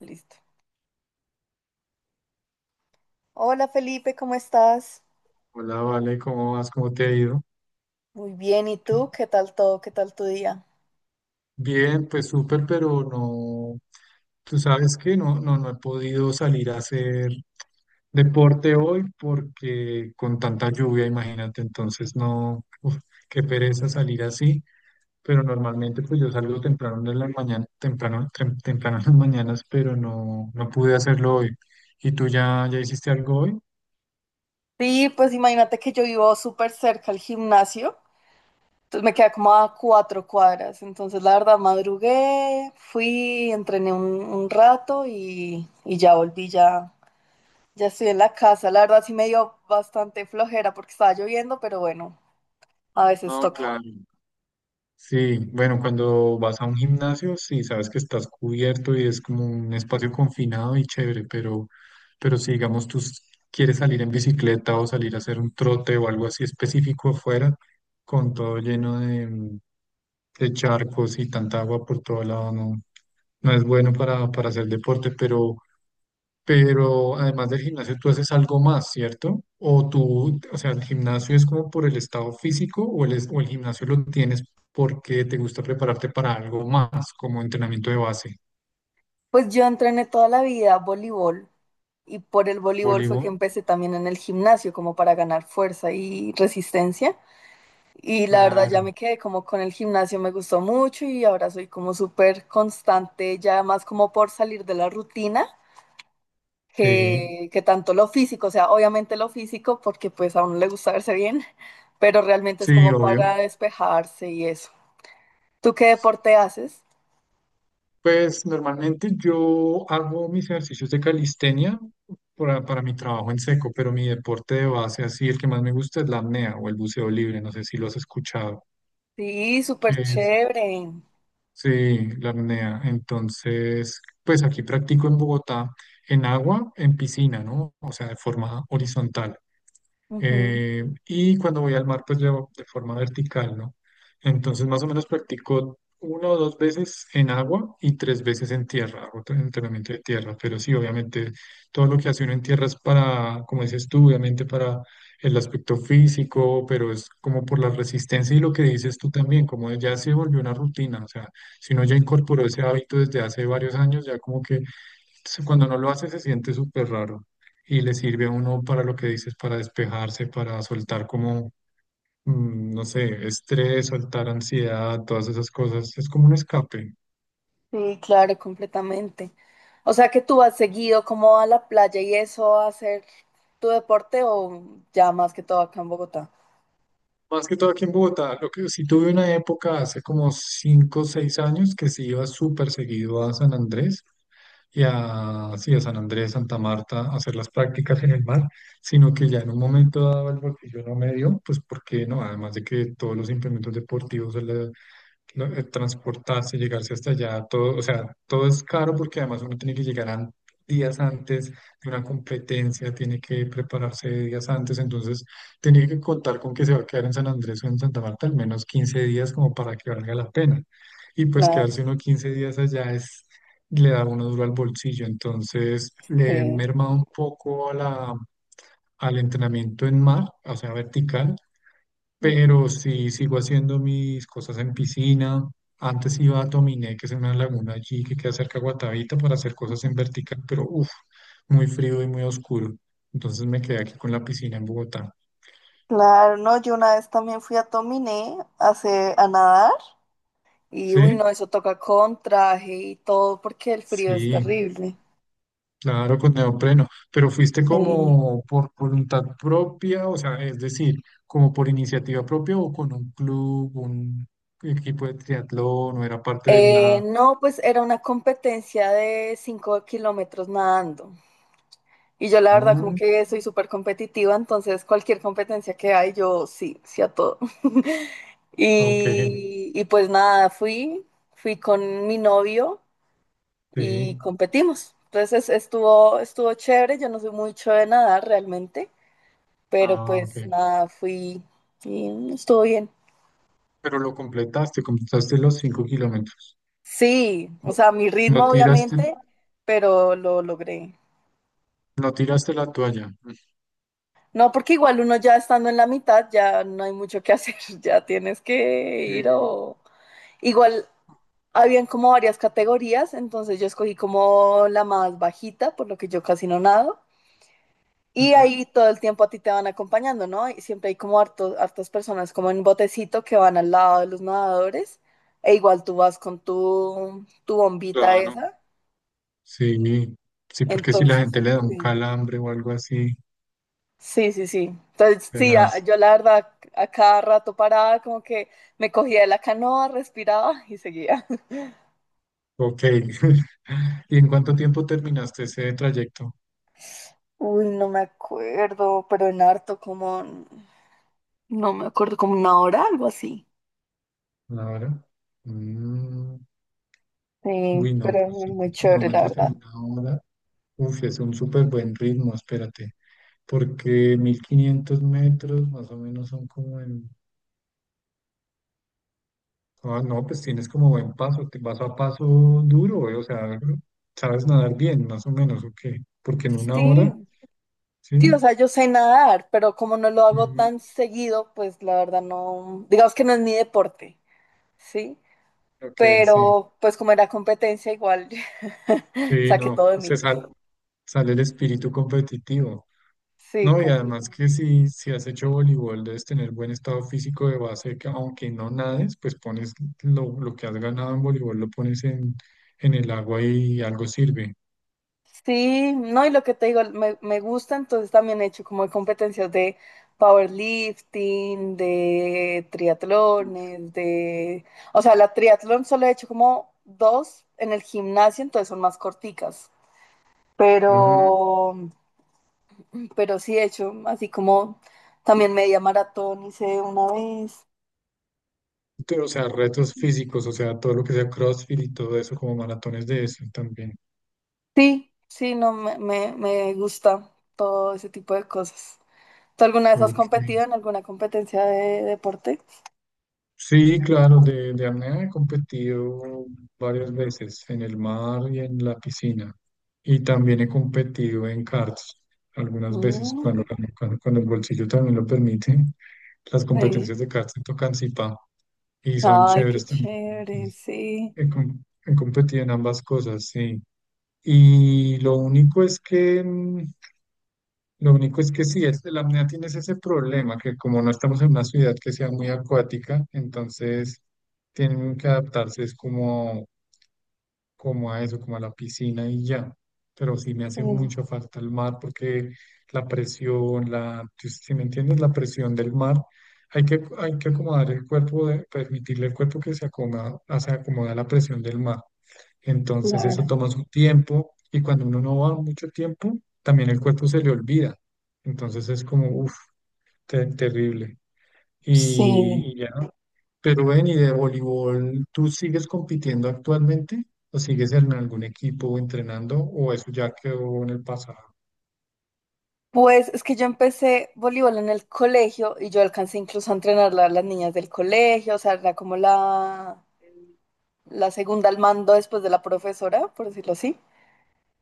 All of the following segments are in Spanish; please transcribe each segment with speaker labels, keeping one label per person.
Speaker 1: Listo. Hola Felipe, ¿cómo estás?
Speaker 2: Hola, Vale, ¿cómo vas? ¿Cómo te ha ido?
Speaker 1: Muy bien, ¿y
Speaker 2: ¿Qué-
Speaker 1: tú? ¿Qué tal todo? ¿Qué tal tu día?
Speaker 2: Bien, pues súper, pero no, tú sabes que no he podido salir a hacer deporte hoy porque con tanta lluvia, imagínate, entonces no, uf, qué pereza salir así, pero normalmente pues yo salgo temprano en las mañanas, temprano en las mañanas, pero no pude hacerlo hoy. ¿Y tú ya hiciste algo hoy?
Speaker 1: Sí, pues imagínate que yo vivo súper cerca al gimnasio, entonces me queda como a 4 cuadras, entonces la verdad madrugué, fui, entrené un rato y ya volví, ya, ya estoy en la casa, la verdad sí me dio bastante flojera porque estaba lloviendo, pero bueno, a veces
Speaker 2: No,
Speaker 1: toca.
Speaker 2: claro. Sí, bueno, cuando vas a un gimnasio, sí, sabes que estás cubierto y es como un espacio confinado y chévere, pero... Pero si, digamos, tú quieres salir en bicicleta o salir a hacer un trote o algo así específico afuera, con todo lleno de charcos y tanta agua por todo lado, no es bueno para hacer deporte, pero... Pero además del gimnasio, tú haces algo más, ¿cierto? O sea, el gimnasio es como por el estado físico o el gimnasio lo tienes porque te gusta prepararte para algo más, como entrenamiento de base.
Speaker 1: Pues yo entrené toda la vida voleibol y por el voleibol fue que
Speaker 2: Voleibol,
Speaker 1: empecé también en el gimnasio como para ganar fuerza y resistencia. Y la verdad ya
Speaker 2: claro.
Speaker 1: me quedé como con el gimnasio, me gustó mucho y ahora soy como súper constante, ya más como por salir de la rutina
Speaker 2: Sí,
Speaker 1: que tanto lo físico, o sea, obviamente lo físico porque pues a uno le gusta verse bien, pero realmente es
Speaker 2: sí,
Speaker 1: como para
Speaker 2: obvio.
Speaker 1: despejarse y eso. ¿Tú qué deporte haces?
Speaker 2: Pues normalmente yo hago mis ejercicios de calistenia para mi trabajo en seco, pero mi deporte de base, así el que más me gusta es la apnea o el buceo libre, no sé si lo has escuchado,
Speaker 1: Sí,
Speaker 2: que
Speaker 1: súper
Speaker 2: es,
Speaker 1: chévere.
Speaker 2: sí, la apnea. Entonces, pues aquí practico en Bogotá, en agua, en piscina, ¿no? O sea, de forma horizontal.
Speaker 1: Ujú.
Speaker 2: Y cuando voy al mar, pues llevo de forma vertical, ¿no? Entonces, más o menos practico una o dos veces en agua y tres veces en tierra, hago entrenamiento de tierra, pero sí, obviamente, todo lo que hace uno en tierra es para, como dices tú, obviamente para el aspecto físico, pero es como por la resistencia y lo que dices tú también, como ya se volvió una rutina, o sea, si uno ya incorporó ese hábito desde hace varios años, ya como que cuando no lo hace se siente súper raro y le sirve a uno para lo que dices, para despejarse, para soltar como, no sé, estrés, soltar ansiedad, todas esas cosas. Es como un escape.
Speaker 1: Sí, claro, completamente. O sea que tú has seguido como a la playa y eso a hacer tu deporte o ya más que todo acá en Bogotá.
Speaker 2: Más que todo aquí en Bogotá, lo que sí tuve una época hace como cinco o 6 años que sí iba súper seguido a San Andrés y a, sí, a San Andrés, Santa Marta, a hacer las prácticas en el mar, sino que ya en un momento dado el bolsillo no me dio, pues porque no, además de que todos los implementos deportivos, ¿no? Transportarse, llegarse hasta allá, todo, o sea, todo es caro porque además uno tiene que llegar días antes de una competencia, tiene que prepararse días antes, entonces tiene que contar con que se va a quedar en San Andrés o en Santa Marta al menos 15 días como para que valga la pena. Y pues
Speaker 1: Claro,
Speaker 2: quedarse uno 15 días allá es, le da uno duro al bolsillo, entonces le he
Speaker 1: sí.
Speaker 2: mermado un poco a al entrenamiento en mar, o sea, vertical,
Speaker 1: Ujú.
Speaker 2: pero sí sigo haciendo mis cosas en piscina. Antes iba a Tominé, que es una laguna allí que queda cerca de Guatavita, para hacer cosas en vertical, pero uff, muy frío y muy oscuro. Entonces me quedé aquí con la piscina en Bogotá.
Speaker 1: Claro, no, yo una vez también fui a Tominé a a nadar y uy,
Speaker 2: ¿Sí?
Speaker 1: no, eso toca con traje y todo porque el frío es
Speaker 2: Sí,
Speaker 1: terrible.
Speaker 2: claro, con neopreno. Pero fuiste
Speaker 1: Sí.
Speaker 2: como por voluntad propia, o sea, es decir, como por iniciativa propia o con un club, un equipo de triatlón, o era parte de una...
Speaker 1: No, pues era una competencia de 5 kilómetros nadando. Y yo la verdad como
Speaker 2: Ah,
Speaker 1: que soy súper competitiva, entonces cualquier competencia que hay, yo sí, sí a todo.
Speaker 2: ok,
Speaker 1: Y pues nada, fui con mi novio y
Speaker 2: sí.
Speaker 1: competimos. Entonces estuvo chévere, yo no soy mucho de nadar realmente, pero
Speaker 2: Ah, ok.
Speaker 1: pues nada, fui y estuvo bien.
Speaker 2: Pero lo completaste, completaste los 5 kilómetros.
Speaker 1: Sí, o sea, mi
Speaker 2: No
Speaker 1: ritmo
Speaker 2: tiraste,
Speaker 1: obviamente, pero lo logré.
Speaker 2: no tiraste la toalla.
Speaker 1: No, porque igual uno ya estando en la mitad, ya no hay mucho que hacer, ya tienes que
Speaker 2: Sí.
Speaker 1: ir o igual habían como varias categorías, entonces yo escogí como la más bajita, por lo que yo casi no nado. Y
Speaker 2: Ujú.
Speaker 1: ahí todo el tiempo a ti te van acompañando, ¿no? Y siempre hay como hartos, hartas personas como en botecito que van al lado de los nadadores. E igual tú vas con tu bombita
Speaker 2: Claro,
Speaker 1: esa.
Speaker 2: sí, sí, porque si la
Speaker 1: Entonces,
Speaker 2: gente le da un
Speaker 1: sí.
Speaker 2: calambre o algo así,
Speaker 1: Sí, sí, sí. Entonces, sí,
Speaker 2: tenaz.
Speaker 1: yo la verdad a cada rato paraba, como que me cogía de la canoa, respiraba y seguía.
Speaker 2: Ok. ¿Y en cuánto tiempo terminaste ese trayecto?
Speaker 1: Uy, no me acuerdo, pero en harto como, no me acuerdo, como una hora, algo así.
Speaker 2: Una hora. Mm, Uy,
Speaker 1: Sí,
Speaker 2: no,
Speaker 1: pero es
Speaker 2: pero
Speaker 1: muy
Speaker 2: cinco
Speaker 1: muy chévere, la
Speaker 2: kilómetros en
Speaker 1: verdad.
Speaker 2: una hora. Uf, es un súper buen ritmo, espérate. Porque 1500 metros más o menos son como en... Ah, no, pues tienes como buen paso, te vas a paso duro, o sea, sabes nadar bien, más o menos, ¿o qué? Porque en una hora,
Speaker 1: Sí, sí,
Speaker 2: ¿sí?
Speaker 1: o sea, yo sé nadar, pero como no lo hago
Speaker 2: Mm,
Speaker 1: tan seguido, pues la verdad no, digamos que no es mi deporte, ¿sí?
Speaker 2: ok, sí.
Speaker 1: Pero pues como era competencia, igual
Speaker 2: Sí,
Speaker 1: saqué
Speaker 2: no,
Speaker 1: todo de
Speaker 2: se
Speaker 1: mí.
Speaker 2: sale el espíritu competitivo.
Speaker 1: Sí,
Speaker 2: No, y
Speaker 1: como-
Speaker 2: además que si has hecho voleibol, debes tener buen estado físico de base, que aunque no nades, pues pones lo que has ganado en voleibol, lo pones en el agua y algo sirve.
Speaker 1: Sí, no, y lo que te digo, me gusta, entonces también he hecho como competencias de powerlifting, de triatlones, de... O sea, la triatlón solo he hecho como dos en el gimnasio, entonces son más corticas.
Speaker 2: Mm.
Speaker 1: Pero, pero sí he hecho, así como también media maratón hice una vez.
Speaker 2: Pero, o sea, retos físicos, o sea, todo lo que sea CrossFit y todo eso, como maratones de eso también.
Speaker 1: Sí, sí, no, me gusta todo ese tipo de cosas. ¿Tú alguna vez has
Speaker 2: Ok.
Speaker 1: competido en alguna competencia de deporte?
Speaker 2: Sí, claro, de apnea he competido varias veces en el mar y en la piscina. Y también he competido en karts algunas veces cuando,
Speaker 1: Mm.
Speaker 2: cuando el bolsillo también lo permite. Las
Speaker 1: Sí.
Speaker 2: competencias de karts en Tocancipá y son
Speaker 1: Ay, qué
Speaker 2: chéveres también.
Speaker 1: chévere,
Speaker 2: Entonces,
Speaker 1: sí.
Speaker 2: he competido en ambas cosas, sí. Y lo único es que lo único es que sí, es, la apnea tienes ese problema, que como no estamos en una ciudad que sea muy acuática, entonces tienen que adaptarse, es como, como a eso, como a la piscina y ya. Pero sí me hace
Speaker 1: Mm,
Speaker 2: mucha falta el mar porque la presión, la, si si me entiendes, la presión del mar, hay que acomodar el cuerpo, permitirle al cuerpo que se acomoda a la presión del mar. Entonces eso
Speaker 1: claro,
Speaker 2: toma su tiempo y cuando uno no va mucho tiempo, también el cuerpo se le olvida. Entonces es como, uff, terrible. Y,
Speaker 1: sí.
Speaker 2: y ya. Pero ven, ¿y de voleibol tú sigues compitiendo actualmente? ¿O sigues en algún equipo entrenando? ¿O eso ya quedó en el pasado?
Speaker 1: Pues es que yo empecé voleibol en el colegio y yo alcancé incluso a entrenar a las niñas del colegio, o sea, era como la segunda al mando después de la profesora, por decirlo así.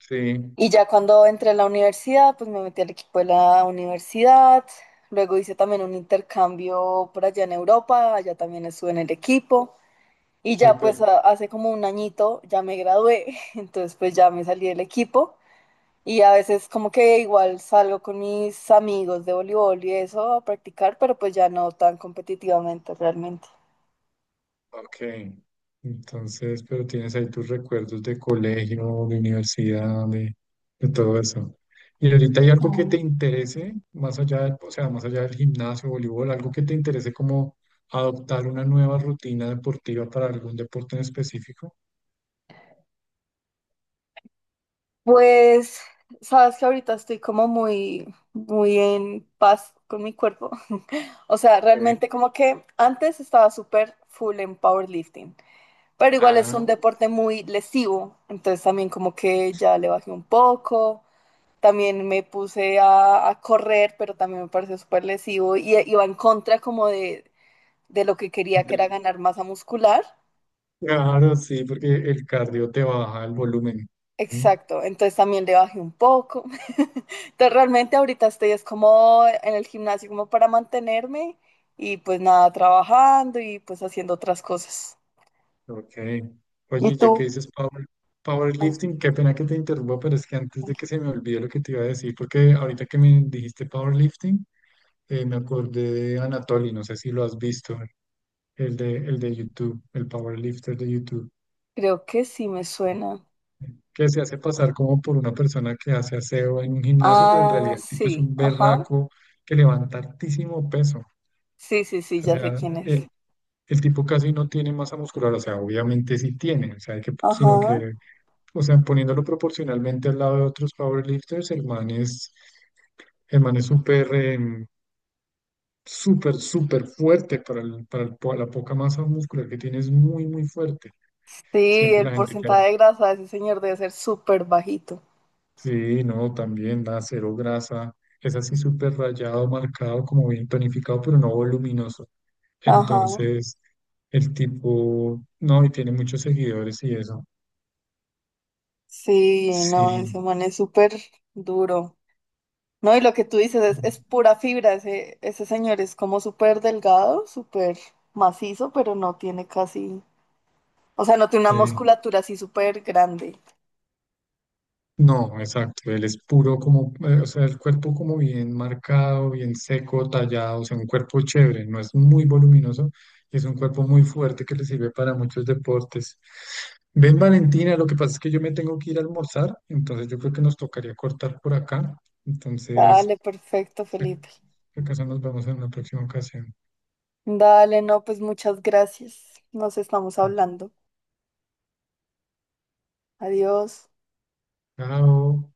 Speaker 2: Sí,
Speaker 1: Y ya cuando entré a la universidad, pues me metí al equipo de la universidad, luego hice también un intercambio por allá en Europa, allá también estuve en el equipo. Y ya pues
Speaker 2: súper.
Speaker 1: hace como un añito ya me gradué, entonces pues ya me salí del equipo y a veces como que igual salgo con mis amigos de voleibol y eso a practicar, pero pues ya no tan competitivamente realmente.
Speaker 2: Ok, entonces, pero tienes ahí tus recuerdos de colegio, de universidad, de todo eso. ¿Y ahorita hay algo que te
Speaker 1: Oh,
Speaker 2: interese, más allá o sea, más allá del gimnasio, voleibol, algo que te interese como adoptar una nueva rutina deportiva para algún deporte en específico?
Speaker 1: pues sabes que ahorita estoy como muy, muy en paz con mi cuerpo. O sea,
Speaker 2: Ok.
Speaker 1: realmente como que antes estaba súper full en powerlifting, pero igual es un
Speaker 2: Ah,
Speaker 1: deporte muy lesivo, entonces también como que ya le bajé un poco. También me puse a correr, pero también me pareció súper lesivo y va en contra como de lo que quería, que era
Speaker 2: del-
Speaker 1: ganar masa muscular.
Speaker 2: claro, sí, porque el cardio te baja el volumen. Ujú.
Speaker 1: Exacto, entonces también le bajé un poco. Entonces realmente ahorita estoy es como en el gimnasio como para mantenerme y pues nada, trabajando y pues haciendo otras cosas.
Speaker 2: Ok.
Speaker 1: ¿Y
Speaker 2: Oye, ya que
Speaker 1: tú?
Speaker 2: dices
Speaker 1: Ah,
Speaker 2: powerlifting, qué pena que te interrumpa, pero es que antes de que
Speaker 1: ok.
Speaker 2: se me olvide lo que te iba a decir, porque ahorita que me dijiste powerlifting, me acordé de Anatoly, no sé si lo has visto, el de YouTube, el powerlifter de YouTube,
Speaker 1: Creo que sí me suena.
Speaker 2: que se hace pasar como por una persona que hace aseo en un gimnasio, pero en
Speaker 1: Ah,
Speaker 2: realidad el tipo es
Speaker 1: sí,
Speaker 2: un
Speaker 1: ajá.
Speaker 2: berraco que levanta altísimo peso.
Speaker 1: Sí, sí, sí,
Speaker 2: O
Speaker 1: ya sé
Speaker 2: sea,
Speaker 1: quién es.
Speaker 2: el tipo casi no tiene masa muscular, o sea, obviamente sí tiene, o sea, que, sino
Speaker 1: Ajá.
Speaker 2: que o sea, poniéndolo proporcionalmente al lado de otros powerlifters, el man es súper, súper, súper fuerte para la poca masa muscular que tiene, es muy, muy fuerte.
Speaker 1: Sí,
Speaker 2: Siempre la
Speaker 1: el
Speaker 2: gente que,
Speaker 1: porcentaje de grasa de ese señor debe ser súper bajito.
Speaker 2: sí, no, también da cero grasa, es así súper rayado, marcado, como bien tonificado, pero no voluminoso.
Speaker 1: Ajá.
Speaker 2: Entonces, el tipo, no, y tiene muchos seguidores y eso.
Speaker 1: Sí, no,
Speaker 2: Sí,
Speaker 1: ese man es súper duro. No, y lo que tú dices es pura fibra. Ese señor es como súper delgado, súper macizo, pero no tiene casi, o sea, no tiene una
Speaker 2: sí.
Speaker 1: musculatura así súper grande.
Speaker 2: No, exacto, él es puro como, o sea, el cuerpo como bien marcado, bien seco, tallado, o sea, un cuerpo chévere, no es muy voluminoso, y es un cuerpo muy fuerte que le sirve para muchos deportes. Ven, Valentina, lo que pasa es que yo me tengo que ir a almorzar, entonces yo creo que nos tocaría cortar por acá, entonces,
Speaker 1: Dale, perfecto,
Speaker 2: si
Speaker 1: Felipe.
Speaker 2: acaso nos vemos en una próxima ocasión.
Speaker 1: Dale, no, pues muchas gracias. Nos estamos hablando. Adiós.
Speaker 2: Chao.